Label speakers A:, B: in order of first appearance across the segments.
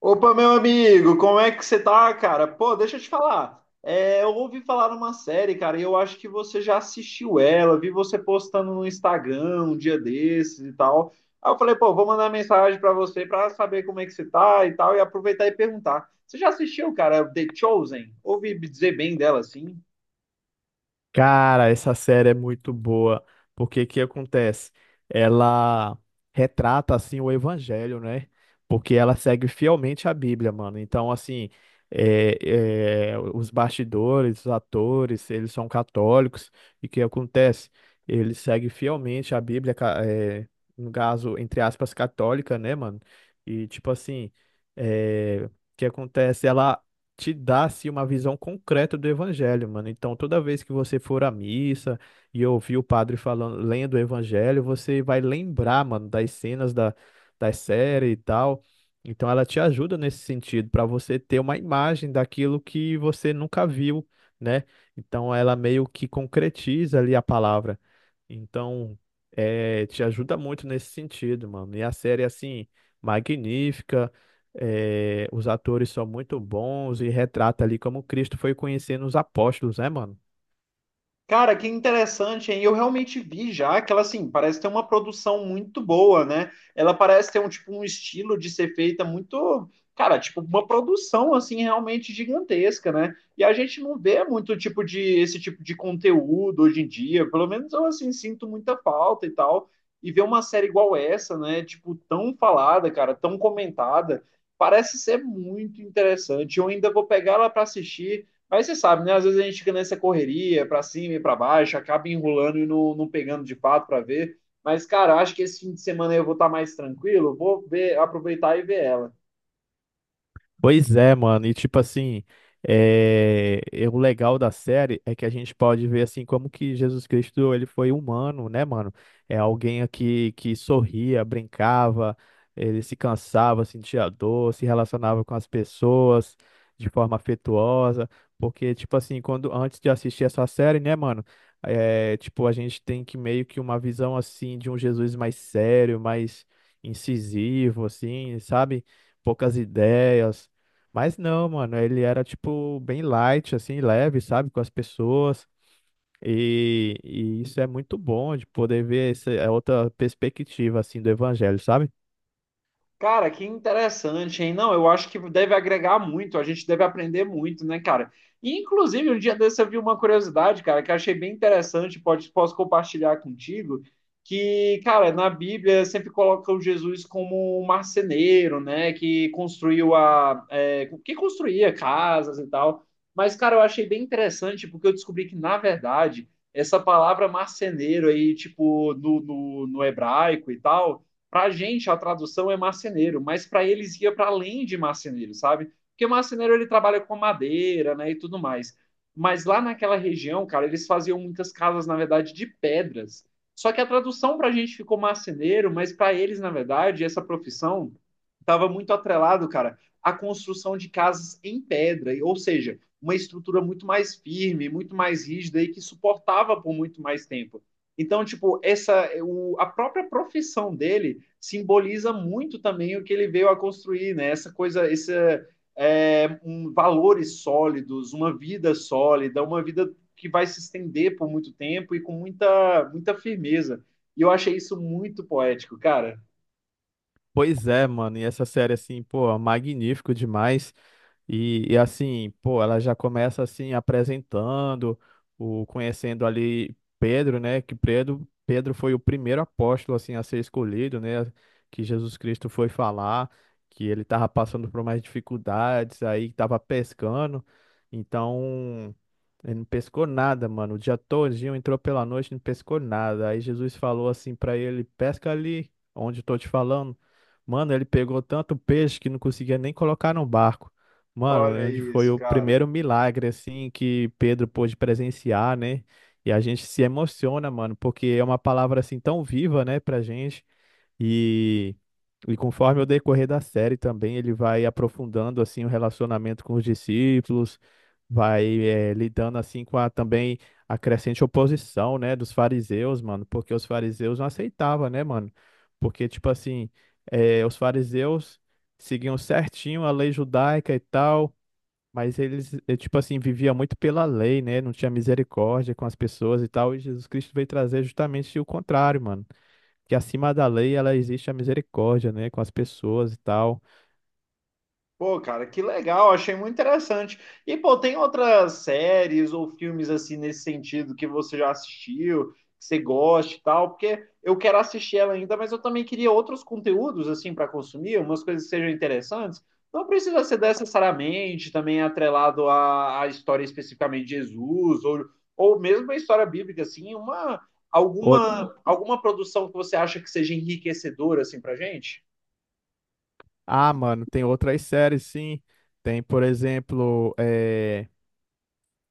A: Opa, meu amigo, como é que você tá, cara? Pô, deixa eu te falar. É, eu ouvi falar uma série, cara, e eu acho que você já assistiu ela, vi você postando no Instagram um dia desses e tal. Aí eu falei, pô, vou mandar mensagem pra você pra saber como é que você tá e tal, e aproveitar e perguntar. Você já assistiu, cara, The Chosen? Ouvi dizer bem dela, assim.
B: Cara, essa série é muito boa, porque o que acontece? Ela retrata, assim, o evangelho, né? Porque ela segue fielmente a Bíblia, mano. Então, assim, os bastidores, os atores, eles são católicos, e o que acontece? Eles seguem fielmente a Bíblia, no caso, entre aspas, católica, né, mano? E, tipo assim, o que acontece? Te dá assim, uma visão concreta do evangelho, mano. Então, toda vez que você for à missa e ouvir o padre falando, lendo o evangelho, você vai lembrar, mano, das cenas da série e tal. Então, ela te ajuda nesse sentido, para você ter uma imagem daquilo que você nunca viu, né? Então, ela meio que concretiza ali a palavra. Então, te ajuda muito nesse sentido, mano. E a série, assim, magnífica. É, os atores são muito bons e retrata ali como Cristo foi conhecendo os apóstolos, né, mano?
A: Cara, que interessante, hein? Eu realmente vi já que ela, assim, parece ter uma produção muito boa, né? Ela parece ter um, tipo, um estilo de ser feita muito, cara, tipo, uma produção, assim, realmente gigantesca, né? E a gente não vê muito tipo de, esse tipo de conteúdo hoje em dia, pelo menos eu, assim, sinto muita falta e tal. E ver uma série igual essa, né? Tipo, tão falada, cara, tão comentada, parece ser muito interessante. Eu ainda vou pegar ela para assistir. Mas você sabe, né? Às vezes a gente fica nessa correria, para cima e para baixo, acaba enrolando e não pegando de fato para ver. Mas, cara, acho que esse fim de semana aí eu vou estar mais tranquilo, vou ver, aproveitar e ver ela.
B: Pois é, mano, e tipo assim, e o legal da série é que a gente pode ver assim como que Jesus Cristo ele foi humano, né, mano? É alguém aqui que sorria, brincava, ele se cansava, sentia dor, se relacionava com as pessoas de forma afetuosa, porque tipo assim, quando antes de assistir essa série, né, mano, tipo a gente tem que meio que uma visão assim de um Jesus mais sério, mais incisivo, assim, sabe? Poucas ideias, mas não, mano, ele era tipo bem light, assim, leve, sabe, com as pessoas. E, isso é muito bom de poder ver, essa é outra perspectiva, assim, do evangelho, sabe?
A: Cara, que interessante, hein? Não, eu acho que deve agregar muito, a gente deve aprender muito, né, cara? E, inclusive, um dia desse eu vi uma curiosidade, cara, que eu achei bem interessante, pode, posso compartilhar contigo, que, cara, na Bíblia sempre coloca o Jesus como um marceneiro, né, que construiu a... é, que construía casas e tal. Mas, cara, eu achei bem interessante porque eu descobri que, na verdade, essa palavra marceneiro aí, tipo, no hebraico e tal para a gente, a tradução é marceneiro, mas para eles ia para além de marceneiro, sabe? Porque marceneiro ele trabalha com madeira, né, e tudo mais. Mas lá naquela região, cara, eles faziam muitas casas, na verdade, de pedras. Só que a tradução para a gente ficou marceneiro, mas para eles, na verdade, essa profissão estava muito atrelado, cara, à construção de casas em pedra, ou seja, uma estrutura muito mais firme, muito mais rígida e que suportava por muito mais tempo. Então, tipo, essa o, a própria profissão dele simboliza muito também o que ele veio a construir, né? Essa coisa, esse é, um, valores sólidos, uma vida sólida, uma vida que vai se estender por muito tempo e com muita, muita firmeza. E eu achei isso muito poético, cara.
B: Pois é, mano, e essa série, assim, pô, é magnífico demais. E, assim, pô, ela já começa assim apresentando, o conhecendo ali Pedro, né? Que Pedro, foi o primeiro apóstolo assim a ser escolhido, né? Que Jesus Cristo foi falar que ele estava passando por mais dificuldades, aí estava pescando. Então, ele não pescou nada, mano. O dia todinho entrou pela noite, não pescou nada. Aí Jesus falou assim para ele: "Pesca ali onde eu tô te falando". Mano, ele pegou tanto peixe que não conseguia nem colocar no barco.
A: Olha
B: Mano, onde foi
A: isso,
B: o
A: cara.
B: primeiro milagre, assim, que Pedro pôde presenciar, né? E a gente se emociona, mano, porque é uma palavra, assim, tão viva, né, pra gente. E, conforme o decorrer da série também, ele vai aprofundando, assim, o relacionamento com os discípulos, vai, lidando, assim, com a, também a crescente oposição, né, dos fariseus, mano, porque os fariseus não aceitavam, né, mano? Porque, tipo assim, os fariseus seguiam certinho a lei judaica e tal, mas eles, tipo assim, vivia muito pela lei, né? Não tinha misericórdia com as pessoas e tal. E Jesus Cristo veio trazer justamente o contrário, mano. Que acima da lei, ela existe a misericórdia, né? Com as pessoas e tal.
A: Pô, cara, que legal, achei muito interessante. E, pô, tem outras séries ou filmes assim nesse sentido que você já assistiu, que você gosta e tal? Porque eu quero assistir ela ainda, mas eu também queria outros conteúdos assim para consumir, umas coisas que sejam interessantes. Não precisa ser necessariamente também atrelado à, à história especificamente de Jesus ou mesmo a história bíblica, assim, uma
B: Out...
A: alguma produção que você acha que seja enriquecedora assim pra gente?
B: Ah, mano, tem outras séries, sim. Tem, por exemplo,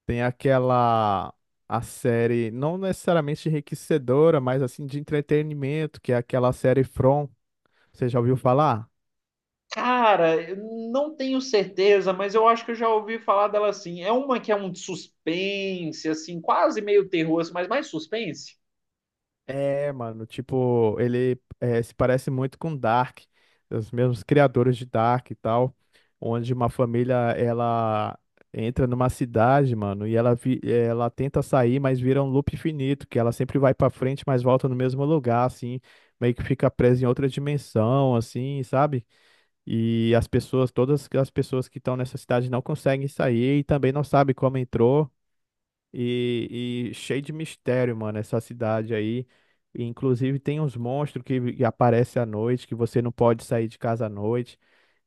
B: tem aquela... A série, não necessariamente enriquecedora, mas assim, de entretenimento, que é aquela série From. Você já ouviu falar?
A: Cara, eu não tenho certeza, mas eu acho que eu já ouvi falar dela assim. É uma que é um suspense, assim, quase meio terror, assim, mas mais suspense.
B: É, mano, tipo, ele se parece muito com Dark, os mesmos criadores de Dark e tal, onde uma família, ela entra numa cidade, mano, e ela tenta sair, mas vira um loop infinito, que ela sempre vai pra frente, mas volta no mesmo lugar, assim, meio que fica presa em outra dimensão, assim, sabe? E as pessoas, todas as pessoas que estão nessa cidade não conseguem sair e também não sabem como entrou. E, cheio de mistério, mano, essa cidade aí. E, inclusive tem uns monstros que aparecem à noite, que você não pode sair de casa à noite,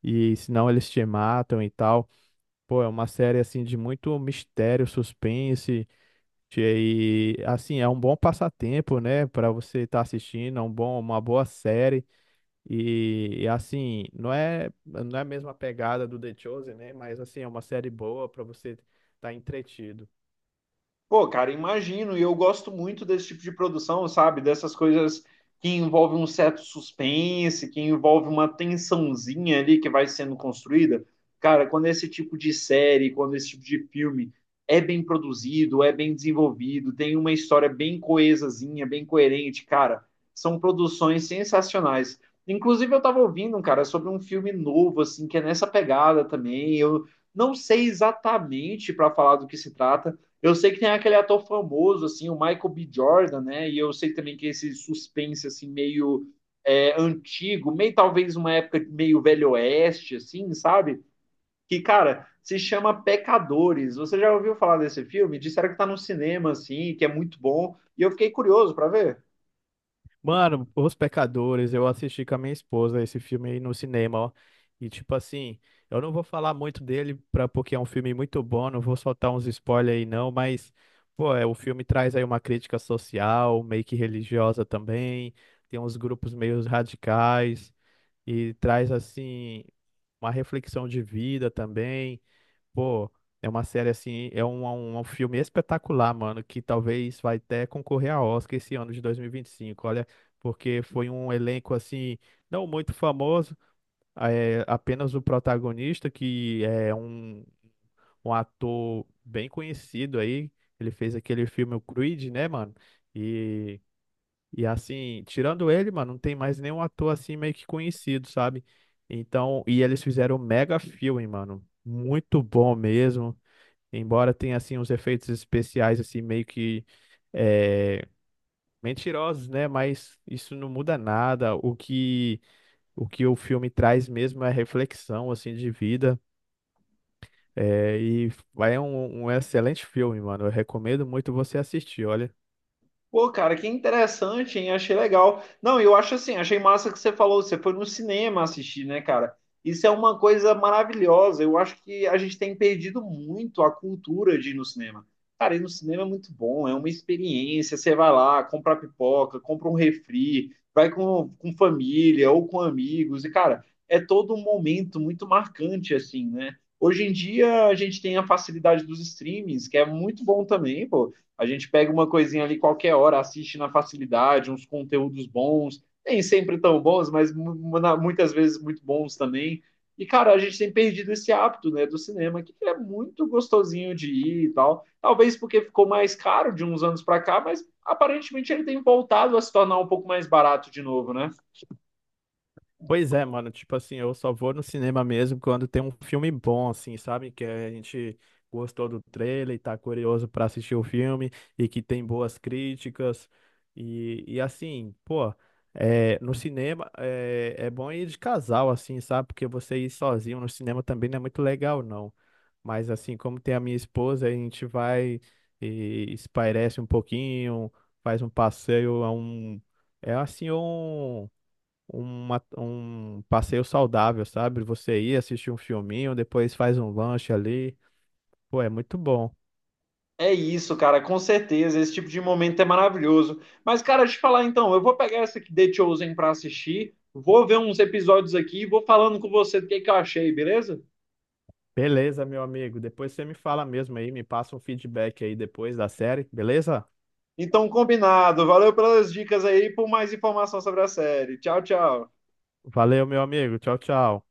B: e senão eles te matam e tal. Pô, é uma série assim de muito mistério, suspense, de- e assim, é um bom passatempo, né, pra você estar assistindo, é um bom, uma boa série. E, assim, não é a mesma pegada do The Chosen, né, mas assim, é uma série boa pra você estar entretido.
A: Pô, cara, imagino, e eu gosto muito desse tipo de produção, sabe? Dessas coisas que envolvem um certo suspense, que envolve uma tensãozinha ali que vai sendo construída. Cara, quando esse tipo de série, quando esse tipo de filme é bem produzido, é bem desenvolvido, tem uma história bem coesazinha, bem coerente, cara, são produções sensacionais. Inclusive, eu tava ouvindo, cara, sobre um filme novo, assim, que é nessa pegada também. Eu não sei exatamente para falar do que se trata eu sei que tem aquele ator famoso, assim, o Michael B. Jordan, né? E eu sei também que esse suspense, assim, meio é, antigo, meio talvez uma época meio velho oeste, assim, sabe? Que, cara, se chama Pecadores. Você já ouviu falar desse filme? Disseram que tá no cinema, assim, que é muito bom. E eu fiquei curioso para ver.
B: Mano, Os Pecadores, eu assisti com a minha esposa esse filme aí no cinema, ó. E tipo assim, eu não vou falar muito dele pra, porque é um filme muito bom, não vou soltar uns spoilers aí não, mas, pô, o filme traz aí uma crítica social, meio que religiosa também, tem uns grupos meio radicais, e traz assim, uma reflexão de vida também. Pô, é uma série assim, um filme espetacular, mano, que talvez vai até concorrer a Oscar esse ano de 2025, olha, porque foi um elenco assim, não muito famoso, apenas o protagonista, que é um ator bem conhecido aí, ele fez aquele filme o Creed, né, mano, e, assim, tirando ele, mano, não tem mais nenhum ator assim meio que conhecido, sabe? Então, e eles fizeram um mega filme, mano, muito bom mesmo. Embora tenha assim uns efeitos especiais assim meio que é, mentirosos, né? Mas isso não muda nada. O que o filme traz mesmo é reflexão assim de vida. É, e vai é um excelente filme, mano. Eu recomendo muito você assistir, olha.
A: Pô, cara, que interessante, hein? Achei legal. Não, eu acho assim, achei massa que você falou, você foi no cinema assistir, né, cara? Isso é uma coisa maravilhosa. Eu acho que a gente tem perdido muito a cultura de ir no cinema. Cara, ir no cinema é muito bom, é uma experiência. Você vai lá, compra pipoca, compra um refri, vai com família ou com amigos. E, cara, é todo um momento muito marcante, assim, né? Hoje em dia a gente tem a facilidade dos streamings, que é muito bom também, pô. A gente pega uma coisinha ali qualquer hora, assiste na facilidade, uns conteúdos bons, nem sempre tão bons, mas muitas vezes muito bons também. E, cara, a gente tem perdido esse hábito, né, do cinema, que é muito gostosinho de ir e tal. Talvez porque ficou mais caro de uns anos para cá, mas aparentemente ele tem voltado a se tornar um pouco mais barato de novo, né?
B: Pois é, mano, tipo assim, eu só vou no cinema mesmo quando tem um filme bom, assim, sabe? Que a gente gostou do trailer e tá curioso pra assistir o filme e que tem boas críticas. E, assim, pô, no cinema é bom ir de casal, assim, sabe? Porque você ir sozinho no cinema também não é muito legal, não. Mas assim, como tem a minha esposa, a gente vai e espairece um pouquinho, faz um passeio a um. É assim, um passeio saudável, sabe? Você ir assistir um filminho, depois faz um lanche ali. Pô, é muito bom.
A: É isso, cara, com certeza. Esse tipo de momento é maravilhoso. Mas, cara, deixa eu te falar então, eu vou pegar essa aqui, The Chosen, pra assistir, vou ver uns episódios aqui e vou falando com você do que eu achei, beleza?
B: Beleza, meu amigo. Depois você me fala mesmo aí, me passa um feedback aí depois da série, beleza?
A: Então, combinado. Valeu pelas dicas aí e por mais informação sobre a série. Tchau, tchau.
B: Valeu, meu amigo. Tchau, tchau.